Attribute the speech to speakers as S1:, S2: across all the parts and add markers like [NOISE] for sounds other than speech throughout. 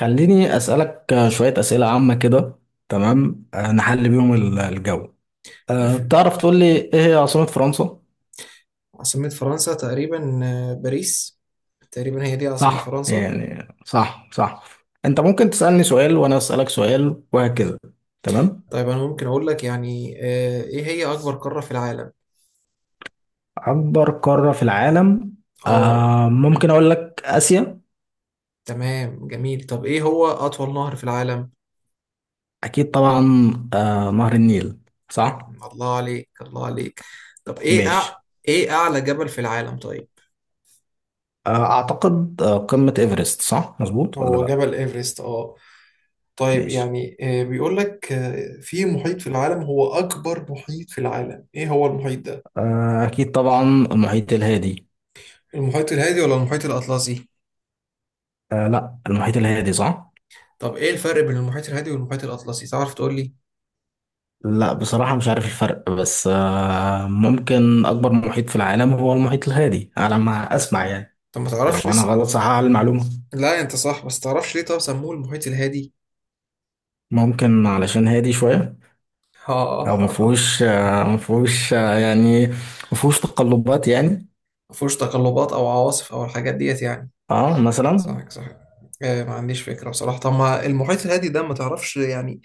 S1: خليني أسألك شوية أسئلة عامة كده. تمام نحل بيهم الجو.
S2: ما
S1: أه،
S2: في
S1: تعرف تقول لي إيه هي عاصمة فرنسا؟
S2: عاصمة فرنسا تقريبا باريس. تقريبا هي دي عاصمة
S1: صح،
S2: فرنسا.
S1: يعني صح صح. أنت ممكن تسألني سؤال وأنا أسألك سؤال وهكذا. تمام.
S2: طيب أنا ممكن أقول لك يعني إيه هي أكبر قارة في العالم؟
S1: أكبر قارة في العالم؟
S2: آه،
S1: أه، ممكن أقول لك آسيا.
S2: تمام، جميل. طب إيه هو أطول نهر في العالم؟
S1: أكيد طبعا. أه، نهر النيل. صح.
S2: الله عليك الله عليك. طب
S1: ماشي.
S2: إيه أعلى جبل في العالم طيب؟
S1: أه أعتقد قمة إيفرست، صح؟ مظبوط ولا
S2: هو
S1: لأ؟
S2: جبل إيفرست. آه، طيب
S1: ماشي.
S2: يعني بيقول لك في محيط في العالم هو أكبر محيط في العالم، إيه هو المحيط ده؟
S1: أكيد طبعا، المحيط الهادي.
S2: المحيط الهادي ولا المحيط الأطلسي؟
S1: آه لا، المحيط الهادي صح؟
S2: طب ايه الفرق بين المحيط الهادي والمحيط الاطلسي، تعرف تقول لي؟
S1: لا بصراحة مش عارف الفرق، بس آه ممكن أكبر محيط في العالم هو المحيط الهادي على ما أسمع يعني.
S2: طب ما
S1: لو
S2: تعرفش
S1: أنا
S2: لسه.
S1: غلط صحح على المعلومة.
S2: لا انت صح، بس تعرفش ليه طب سموه المحيط الهادي.
S1: ممكن علشان هادي شوية.
S2: [LAUGHS]
S1: أو
S2: ها.
S1: مفهوش آه، مفهوش آه يعني، مفهوش تقلبات يعني.
S2: مفهوش تقلبات او عواصف او الحاجات ديت يعني.
S1: اه مثلا.
S2: صح، صح. آه، ما عنديش فكرة بصراحة. طب ما المحيط الهادي ده ما تعرفش يعني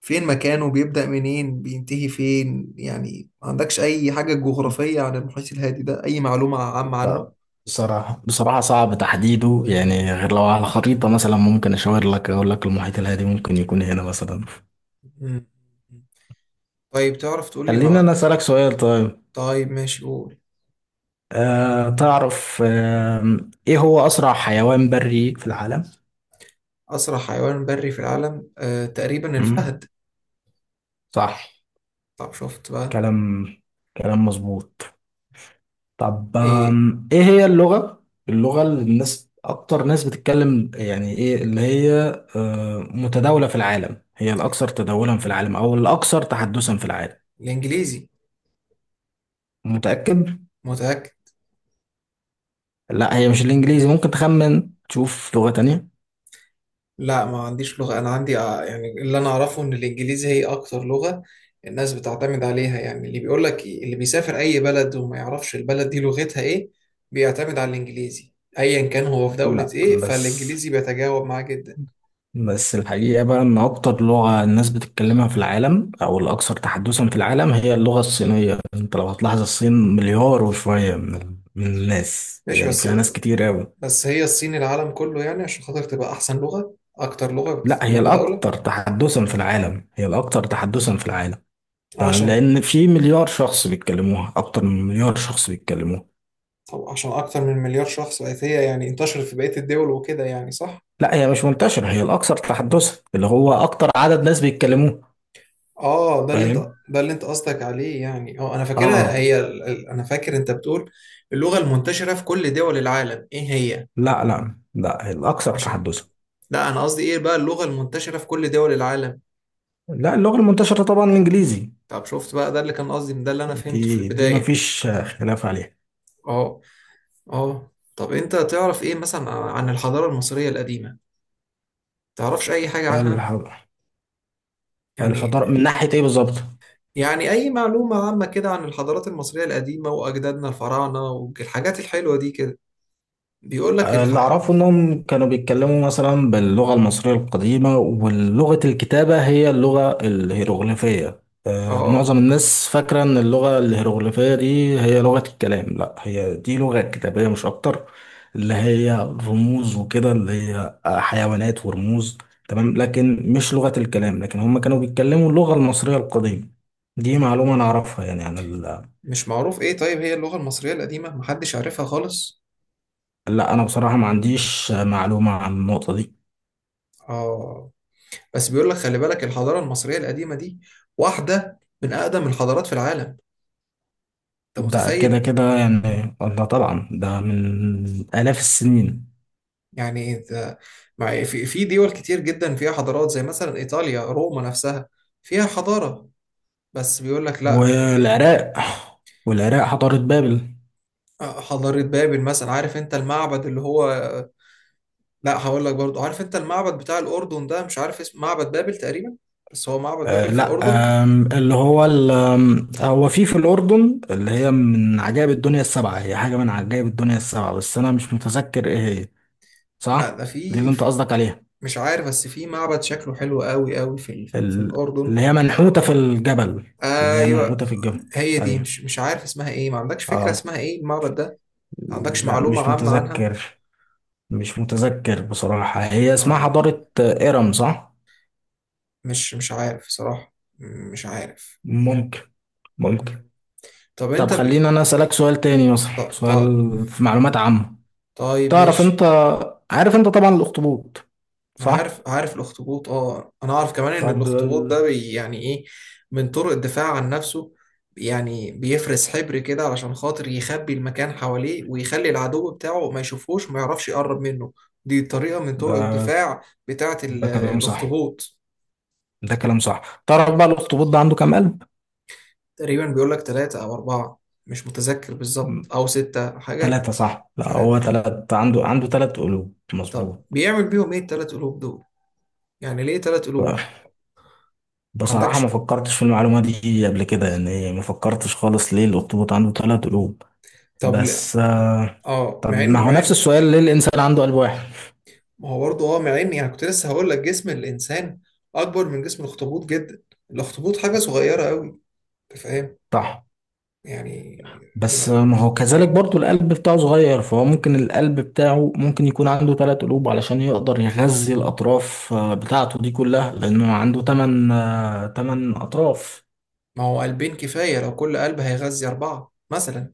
S2: فين مكانه، بيبدأ منين بينتهي فين؟ يعني ما عندكش اي حاجة جغرافية عن المحيط الهادي ده، اي معلومة عامة عنه؟
S1: لا بصراحة، بصراحة صعب تحديده يعني، غير لو على خريطة مثلا ممكن أشاور لك أقول لك المحيط الهادي ممكن يكون هنا مثلا.
S2: مم. طيب تعرف تقول لي
S1: خليني
S2: مع...
S1: أنا أسألك سؤال طيب.
S2: طيب ماشي قول.
S1: أه تعرف أه، ايه هو اسرع حيوان بري في العالم؟
S2: أسرع حيوان بري في العالم تقريبا
S1: مم.
S2: الفهد.
S1: صح.
S2: طب شفت بقى.
S1: كلام، كلام مظبوط. طب
S2: إيه؟
S1: ايه هي اللغة، اللغة اللي الناس اكتر ناس بتتكلم يعني، ايه اللي هي متداولة في العالم، هي الاكثر تداولا في العالم او الاكثر تحدثا في العالم؟
S2: الإنجليزي.
S1: متأكد؟
S2: متأكد.
S1: لا هي مش الانجليزي، ممكن تخمن تشوف لغة تانية.
S2: لا، ما عنديش لغة. أنا عندي يعني اللي أنا أعرفه إن الإنجليزي هي أكتر لغة الناس بتعتمد عليها. يعني اللي بيقول لك اللي بيسافر أي بلد وما يعرفش البلد دي لغتها إيه بيعتمد على الإنجليزي. أيا كان هو في دولة
S1: لا
S2: إيه
S1: بس،
S2: فالإنجليزي بيتجاوب معاه جدا.
S1: بس الحقيقة بقى إن أكتر لغة الناس بتتكلمها في العالم أو الأكثر تحدثا في العالم هي اللغة الصينية. أنت لو هتلاحظ، الصين مليار وشوية من الناس
S2: ماشي
S1: يعني،
S2: بس.
S1: فيها ناس كتير أوي.
S2: بس هي الصين، العالم كله يعني عشان خاطر تبقى أحسن لغة، أكتر لغة
S1: لا
S2: بتستخدم
S1: هي
S2: متداولة.
S1: الأكثر تحدثا في العالم، هي الأكثر تحدثا في العالم. تمام،
S2: عشان.
S1: لأن في مليار شخص بيتكلموها، أكتر من مليار شخص بيتكلموها.
S2: طب عشان اكتر من مليار شخص بقت هي يعني انتشرت في بقية الدول وكده يعني؟ صح.
S1: لا هي مش منتشرة، هي الأكثر تحدثا اللي هو أكتر عدد ناس بيتكلموها.
S2: اه، ده اللي انت
S1: فاهم؟
S2: ده اللي انت قصدك عليه، يعني اه انا فاكرها
S1: آه.
S2: هي انا فاكر انت بتقول اللغة المنتشرة في كل دول العالم ايه هي.
S1: لا لا لا، هي الأكثر
S2: عشان.
S1: تحدثا.
S2: لا انا قصدي ايه بقى اللغة المنتشرة في كل دول العالم.
S1: لا، اللغة المنتشرة طبعا الإنجليزي.
S2: طب شفت بقى، ده اللي كان قصدي، ده اللي انا فهمته في
S1: دي
S2: البداية.
S1: مفيش خلاف عليها.
S2: اه. اه، طب انت تعرف ايه مثلا عن الحضارة المصرية القديمة؟ تعرفش اي حاجة عنها
S1: الح-
S2: يعني؟
S1: الحضارة من ناحية ايه بالظبط؟
S2: يعني أي معلومة عامة كده عن الحضارات المصرية القديمة وأجدادنا الفراعنة والحاجات الحلوة دي كده. بيقول لك الح...
S1: اللي أعرفه إنهم كانوا بيتكلموا مثلا باللغة المصرية القديمة، ولغة الكتابة هي اللغة الهيروغليفية.
S2: آه،
S1: معظم الناس فاكرة إن اللغة الهيروغليفية دي هي لغة الكلام، لا هي دي لغة كتابية مش أكتر، اللي هي رموز وكده، اللي هي حيوانات ورموز. تمام، لكن مش لغة الكلام، لكن هم كانوا بيتكلموا اللغة المصرية القديمة. دي معلومة أنا أعرفها يعني عن...
S2: مش معروف إيه؟ طيب هي اللغة المصرية القديمة محدش عارفها خالص.
S1: لا انا بصراحه ما عنديش معلومه عن النقطه دي.
S2: آه، بس بيقول لك خلي بالك الحضارة المصرية القديمة دي واحدة من أقدم الحضارات في العالم. أنت
S1: ده كده
S2: متخيل؟
S1: كده يعني، ده طبعا ده من الاف السنين.
S2: يعني أنت. مع في في دول كتير جدا فيها حضارات زي مثلا إيطاليا، روما نفسها فيها حضارة. بس بيقول لك لا
S1: والعراق، والعراق حضاره بابل.
S2: آه، حضارة بابل مثلا. عارف انت المعبد اللي هو؟ لا، هقول لك برضو، عارف انت المعبد بتاع الاردن ده؟ مش عارف اسمه، معبد بابل تقريبا. بس هو معبد بابل
S1: آه
S2: في
S1: لا،
S2: الاردن.
S1: اللي هو هو في في الاردن، اللي هي من عجائب الدنيا السبعه، هي حاجه من عجائب الدنيا السبعه بس انا مش متذكر ايه هي.
S2: لا، ده
S1: صح، دي اللي انت قصدك عليها.
S2: مش عارف، بس في معبد شكله حلو قوي قوي في في
S1: ال-
S2: الاردن.
S1: اللي هي منحوته في الجبل، اللي هي
S2: ايوه.
S1: منحوته في الجبل.
S2: هي دي
S1: ايوه.
S2: مش عارف اسمها ايه. ما عندكش فكره
S1: اه.
S2: اسمها ايه المعبد ده؟ ما عندكش
S1: لا
S2: معلومه
S1: مش
S2: عامه عنها؟
S1: متذكر، مش متذكر بصراحة. هي اسمها
S2: اه،
S1: حضارة إرم صح؟
S2: مش عارف صراحه. مش عارف.
S1: ممكن، ممكن.
S2: طب انت
S1: طب
S2: ب...
S1: خليني أنا أسألك سؤال تاني مثلا،
S2: ط... ط...
S1: سؤال في معلومات عامة.
S2: طيب
S1: تعرف أنت،
S2: ماشي.
S1: عارف أنت طبعا الأخطبوط
S2: أنا
S1: صح؟
S2: عارف الاخطبوط. اه، انا اعرف كمان ان
S1: طب
S2: الاخطبوط ده
S1: ال-
S2: يعني ايه، من طرق الدفاع عن نفسه، يعني بيفرز حبر كده علشان خاطر يخبي المكان حواليه ويخلي العدو بتاعه ما يشوفوش وما يعرفش يقرب منه. دي طريقة من طرق
S1: ده
S2: الدفاع بتاعة
S1: ده كلام صح،
S2: الاخطبوط.
S1: ده كلام صح. تعرف بقى الأخطبوط ده عنده كام قلب؟
S2: تقريبا بيقول لك ثلاثة او اربعة، مش متذكر بالظبط،
S1: مم.
S2: او ستة حاجة.
S1: تلاتة صح،
S2: مش
S1: لا هو
S2: عارف.
S1: تلات، عنده، عنده تلات قلوب
S2: طب
S1: مظبوط.
S2: بيعمل بيهم ايه التلات قلوب دول؟ يعني ليه تلات قلوب؟ ما
S1: بصراحة ما
S2: عندكش.
S1: فكرتش في المعلومة دي قبل كده يعني، ما فكرتش خالص ليه الأخطبوط عنده تلات قلوب.
S2: طب ل-
S1: بس
S2: اه، مع
S1: طب ما
S2: ان
S1: هو
S2: مع
S1: نفس
S2: ان
S1: السؤال، ليه الإنسان عنده قلب واحد؟
S2: ما هو برضه. اه، مع ان يعني كنت لسه هقول لك جسم الانسان اكبر من جسم الاخطبوط جدا. الاخطبوط حاجه صغيره قوي. انت فاهم
S1: صح،
S2: يعني؟ ده
S1: بس
S2: ما
S1: ما هو كذلك برضو القلب بتاعه صغير، فهو ممكن القلب بتاعه ممكن يكون عنده ثلاث قلوب علشان يقدر يغذي الأطراف بتاعته دي كلها، لأنه عنده ثمان، ثمان أطراف.
S2: ما هو قلبين كفايه لو كل قلب هيغذي اربعه مثلا.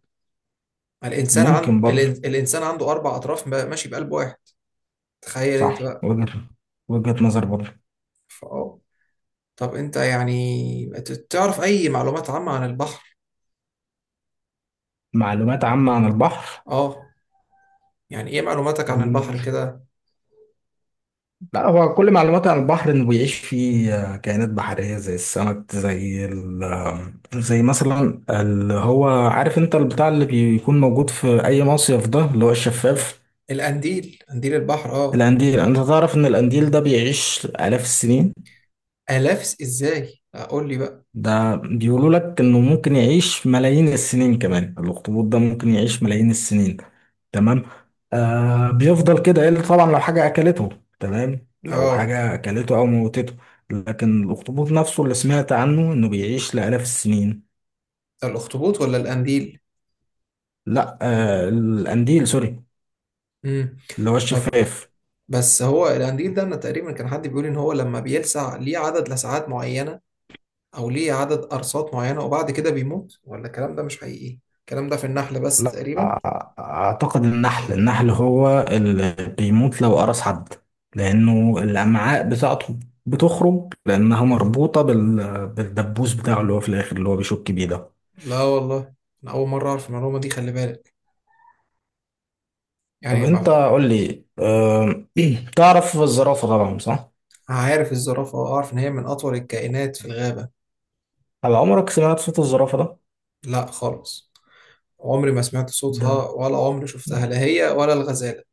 S2: ما الانسان
S1: ممكن برضو.
S2: الانسان عنده اربع اطراف ماشي بقلب واحد. تخيل انت
S1: صح،
S2: بقى.
S1: وجهة، وجهة نظر برضو.
S2: فاه. طب انت يعني تعرف اي معلومات عامه عن البحر؟
S1: معلومات عامة عن البحر.
S2: اه، يعني ايه معلوماتك عن
S1: مم.
S2: البحر كده؟
S1: لا هو كل معلوماتي عن البحر انه بيعيش فيه كائنات بحريه زي السمك، زي ال آه، زي مثلا اللي هو عارف انت البتاع اللي بيكون موجود في اي مصيف ده، اللي هو الشفاف.
S2: قنديل البحر، اه.
S1: القنديل. انت تعرف ان القنديل ده بيعيش الاف السنين؟
S2: الاف؟ ازاي؟ اقول لي بقى.
S1: ده بيقولوا لك انه ممكن يعيش ملايين السنين كمان. الاخطبوط ده ممكن يعيش ملايين السنين. تمام. آه بيفضل كده الا طبعا لو حاجه اكلته. تمام، لو
S2: اه،
S1: حاجه اكلته او موتته. لكن الاخطبوط نفسه اللي سمعت عنه انه بيعيش لالاف السنين.
S2: الاخطبوط ولا القنديل؟
S1: لا آه الانديل، سوري،
S2: امم.
S1: اللي هو
S2: طب
S1: الشفاف.
S2: بس هو القنديل ده انا تقريبا كان حد بيقول ان هو لما بيلسع ليه عدد لسعات معينة، او ليه عدد قرصات معينة وبعد كده بيموت. ولا الكلام ده مش حقيقي؟ الكلام ده في النحل بس
S1: لا
S2: تقريبا.
S1: أعتقد النحل، النحل هو اللي بيموت لو قرص حد، لأنه الأمعاء بتاعته بتخرج، لأنها مربوطة بالدبوس بتاعه اللي هو في الآخر، اللي هو بيشك بيه ده.
S2: لا والله، انا اول مرة اعرف المعلومة دي، خلي بالك
S1: طب
S2: يعني.
S1: أنت
S2: ما
S1: قول لي أه... [CLEARS THROAT] تعرف الزرافة طبعا صح؟
S2: عارف الزرافة، واعرف ان هي من اطول الكائنات في الغابة.
S1: هل عمرك سمعت صوت الزرافة ده؟
S2: لا خالص، عمري ما سمعت
S1: ده
S2: صوتها ولا عمري شفتها، لا هي ولا الغزالة.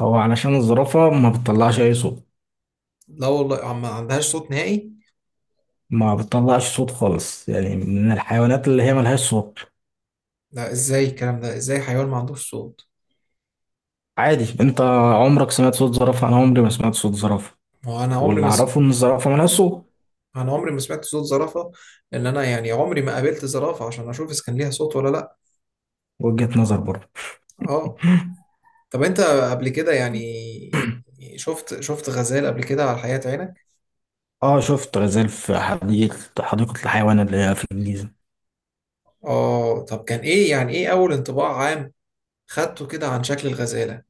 S1: هو علشان الزرافة ما بتطلعش أي صوت،
S2: لا والله، ما عندهاش صوت نهائي.
S1: ما بتطلعش صوت خالص يعني، من الحيوانات اللي هي ملهاش صوت.
S2: لا، ازاي الكلام ده؟ ازاي حيوان ما عندوش صوت؟
S1: عادي أنت، عمرك سمعت صوت زرافة؟ أنا عمري ما سمعت صوت زرافة،
S2: ما هو انا عمري
S1: واللي
S2: ما س...
S1: اعرفه ان الزرافه مالهاش صوت.
S2: انا عمري ما سمعت صوت زرافه. انا يعني عمري ما قابلت زرافه عشان اشوف اذا كان ليها صوت ولا لا.
S1: وجهة نظر برضه.
S2: اه. طب انت قبل كده يعني شفت غزال قبل كده على حياة عينك؟
S1: اه شفت غزال في حديقة، حديقة الحيوان اللي هي في الجيزة.
S2: اه، طب كان ايه يعني، ايه اول انطباع عام خدته كده عن شكل الغزاله؟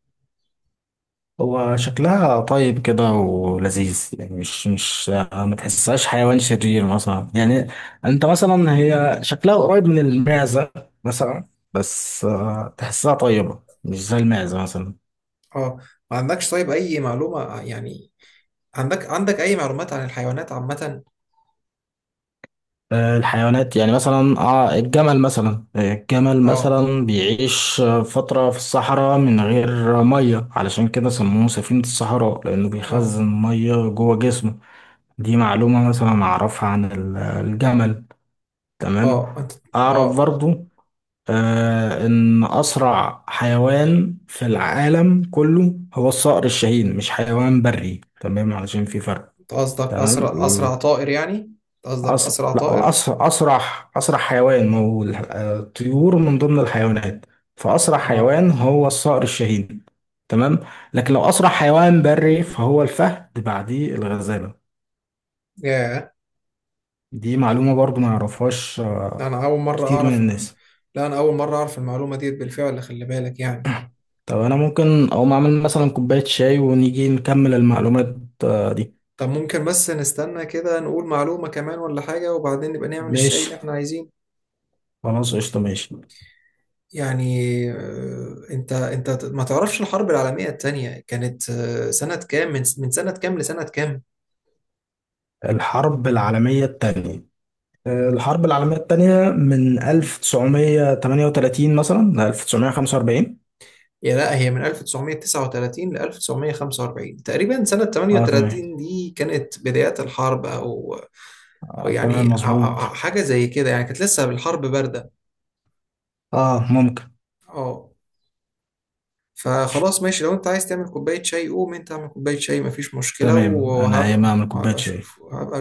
S1: هو شكلها طيب كده ولذيذ يعني، مش مش ما تحسهاش حيوان شرير مثلا يعني. انت مثلا هي شكلها قريب من المعزة مثلا، بس تحسها طيبة مش زي المعزة مثلا.
S2: اه، ما عندكش طيب اي معلومه يعني؟ عندك اي معلومات عن الحيوانات عامه؟
S1: الحيوانات يعني مثلا، اه الجمل مثلا، الجمل
S2: اه،
S1: مثلا بيعيش فترة في الصحراء من غير مية، علشان كده سموه سفينة الصحراء، لأنه
S2: اه،
S1: بيخزن مية جوه جسمه. دي معلومة مثلا أعرفها عن الجمل. تمام.
S2: اه. انت.
S1: أعرف
S2: اه.
S1: برضو آه إن أسرع حيوان في العالم كله هو الصقر الشاهين، مش حيوان بري تمام، علشان في فرق.
S2: أنت قصدك
S1: تمام.
S2: اسرع طائر يعني؟ قصدك
S1: أس...
S2: اسرع
S1: لا
S2: طائر.
S1: أس... أسرع أسرع حيوان، ما هو الطيور من ضمن الحيوانات، فأسرع
S2: اه.
S1: حيوان هو الصقر الشاهين. تمام. لكن لو أسرع حيوان بري فهو الفهد، بعديه الغزالة.
S2: ياه،
S1: دي معلومة برضو ما يعرفهاش
S2: انا اول مره
S1: كتير من
S2: اعرف.
S1: الناس.
S2: لا، انا اول مره اعرف المعلومه ديت بالفعل، خلي بالك يعني.
S1: طب أنا ممكن أقوم أعمل مثلا كوباية شاي ونيجي نكمل المعلومات دي.
S2: طب ممكن بس نستنى كده، نقول معلومه كمان ولا حاجه وبعدين نبقى نعمل الشيء
S1: ماشي،
S2: اللي احنا عايزينه.
S1: خلاص قشطة ماشي.
S2: يعني انت ما تعرفش الحرب العالميه التانية كانت سنه كام؟ من سنه كام لسنه كام؟
S1: الحرب العالمية التانية، الحرب العالمية التانية من 1938 مثلا ل 1945.
S2: يا لا، هي من 1939 ل 1945 تقريبا. سنه
S1: اه
S2: 38
S1: تمام،
S2: دي كانت بدايات الحرب او، او
S1: آه
S2: يعني
S1: تمام مظبوط.
S2: أو حاجه زي كده يعني، كانت لسه الحرب بارده.
S1: اه ممكن.
S2: اه، فخلاص ماشي، لو انت عايز تعمل كوباية شاي قوم انت اعمل كوباية شاي، مفيش مشكلة،
S1: تمام انا ايه ما
S2: وهبقى
S1: اعمل كوباية شاي
S2: اشوف.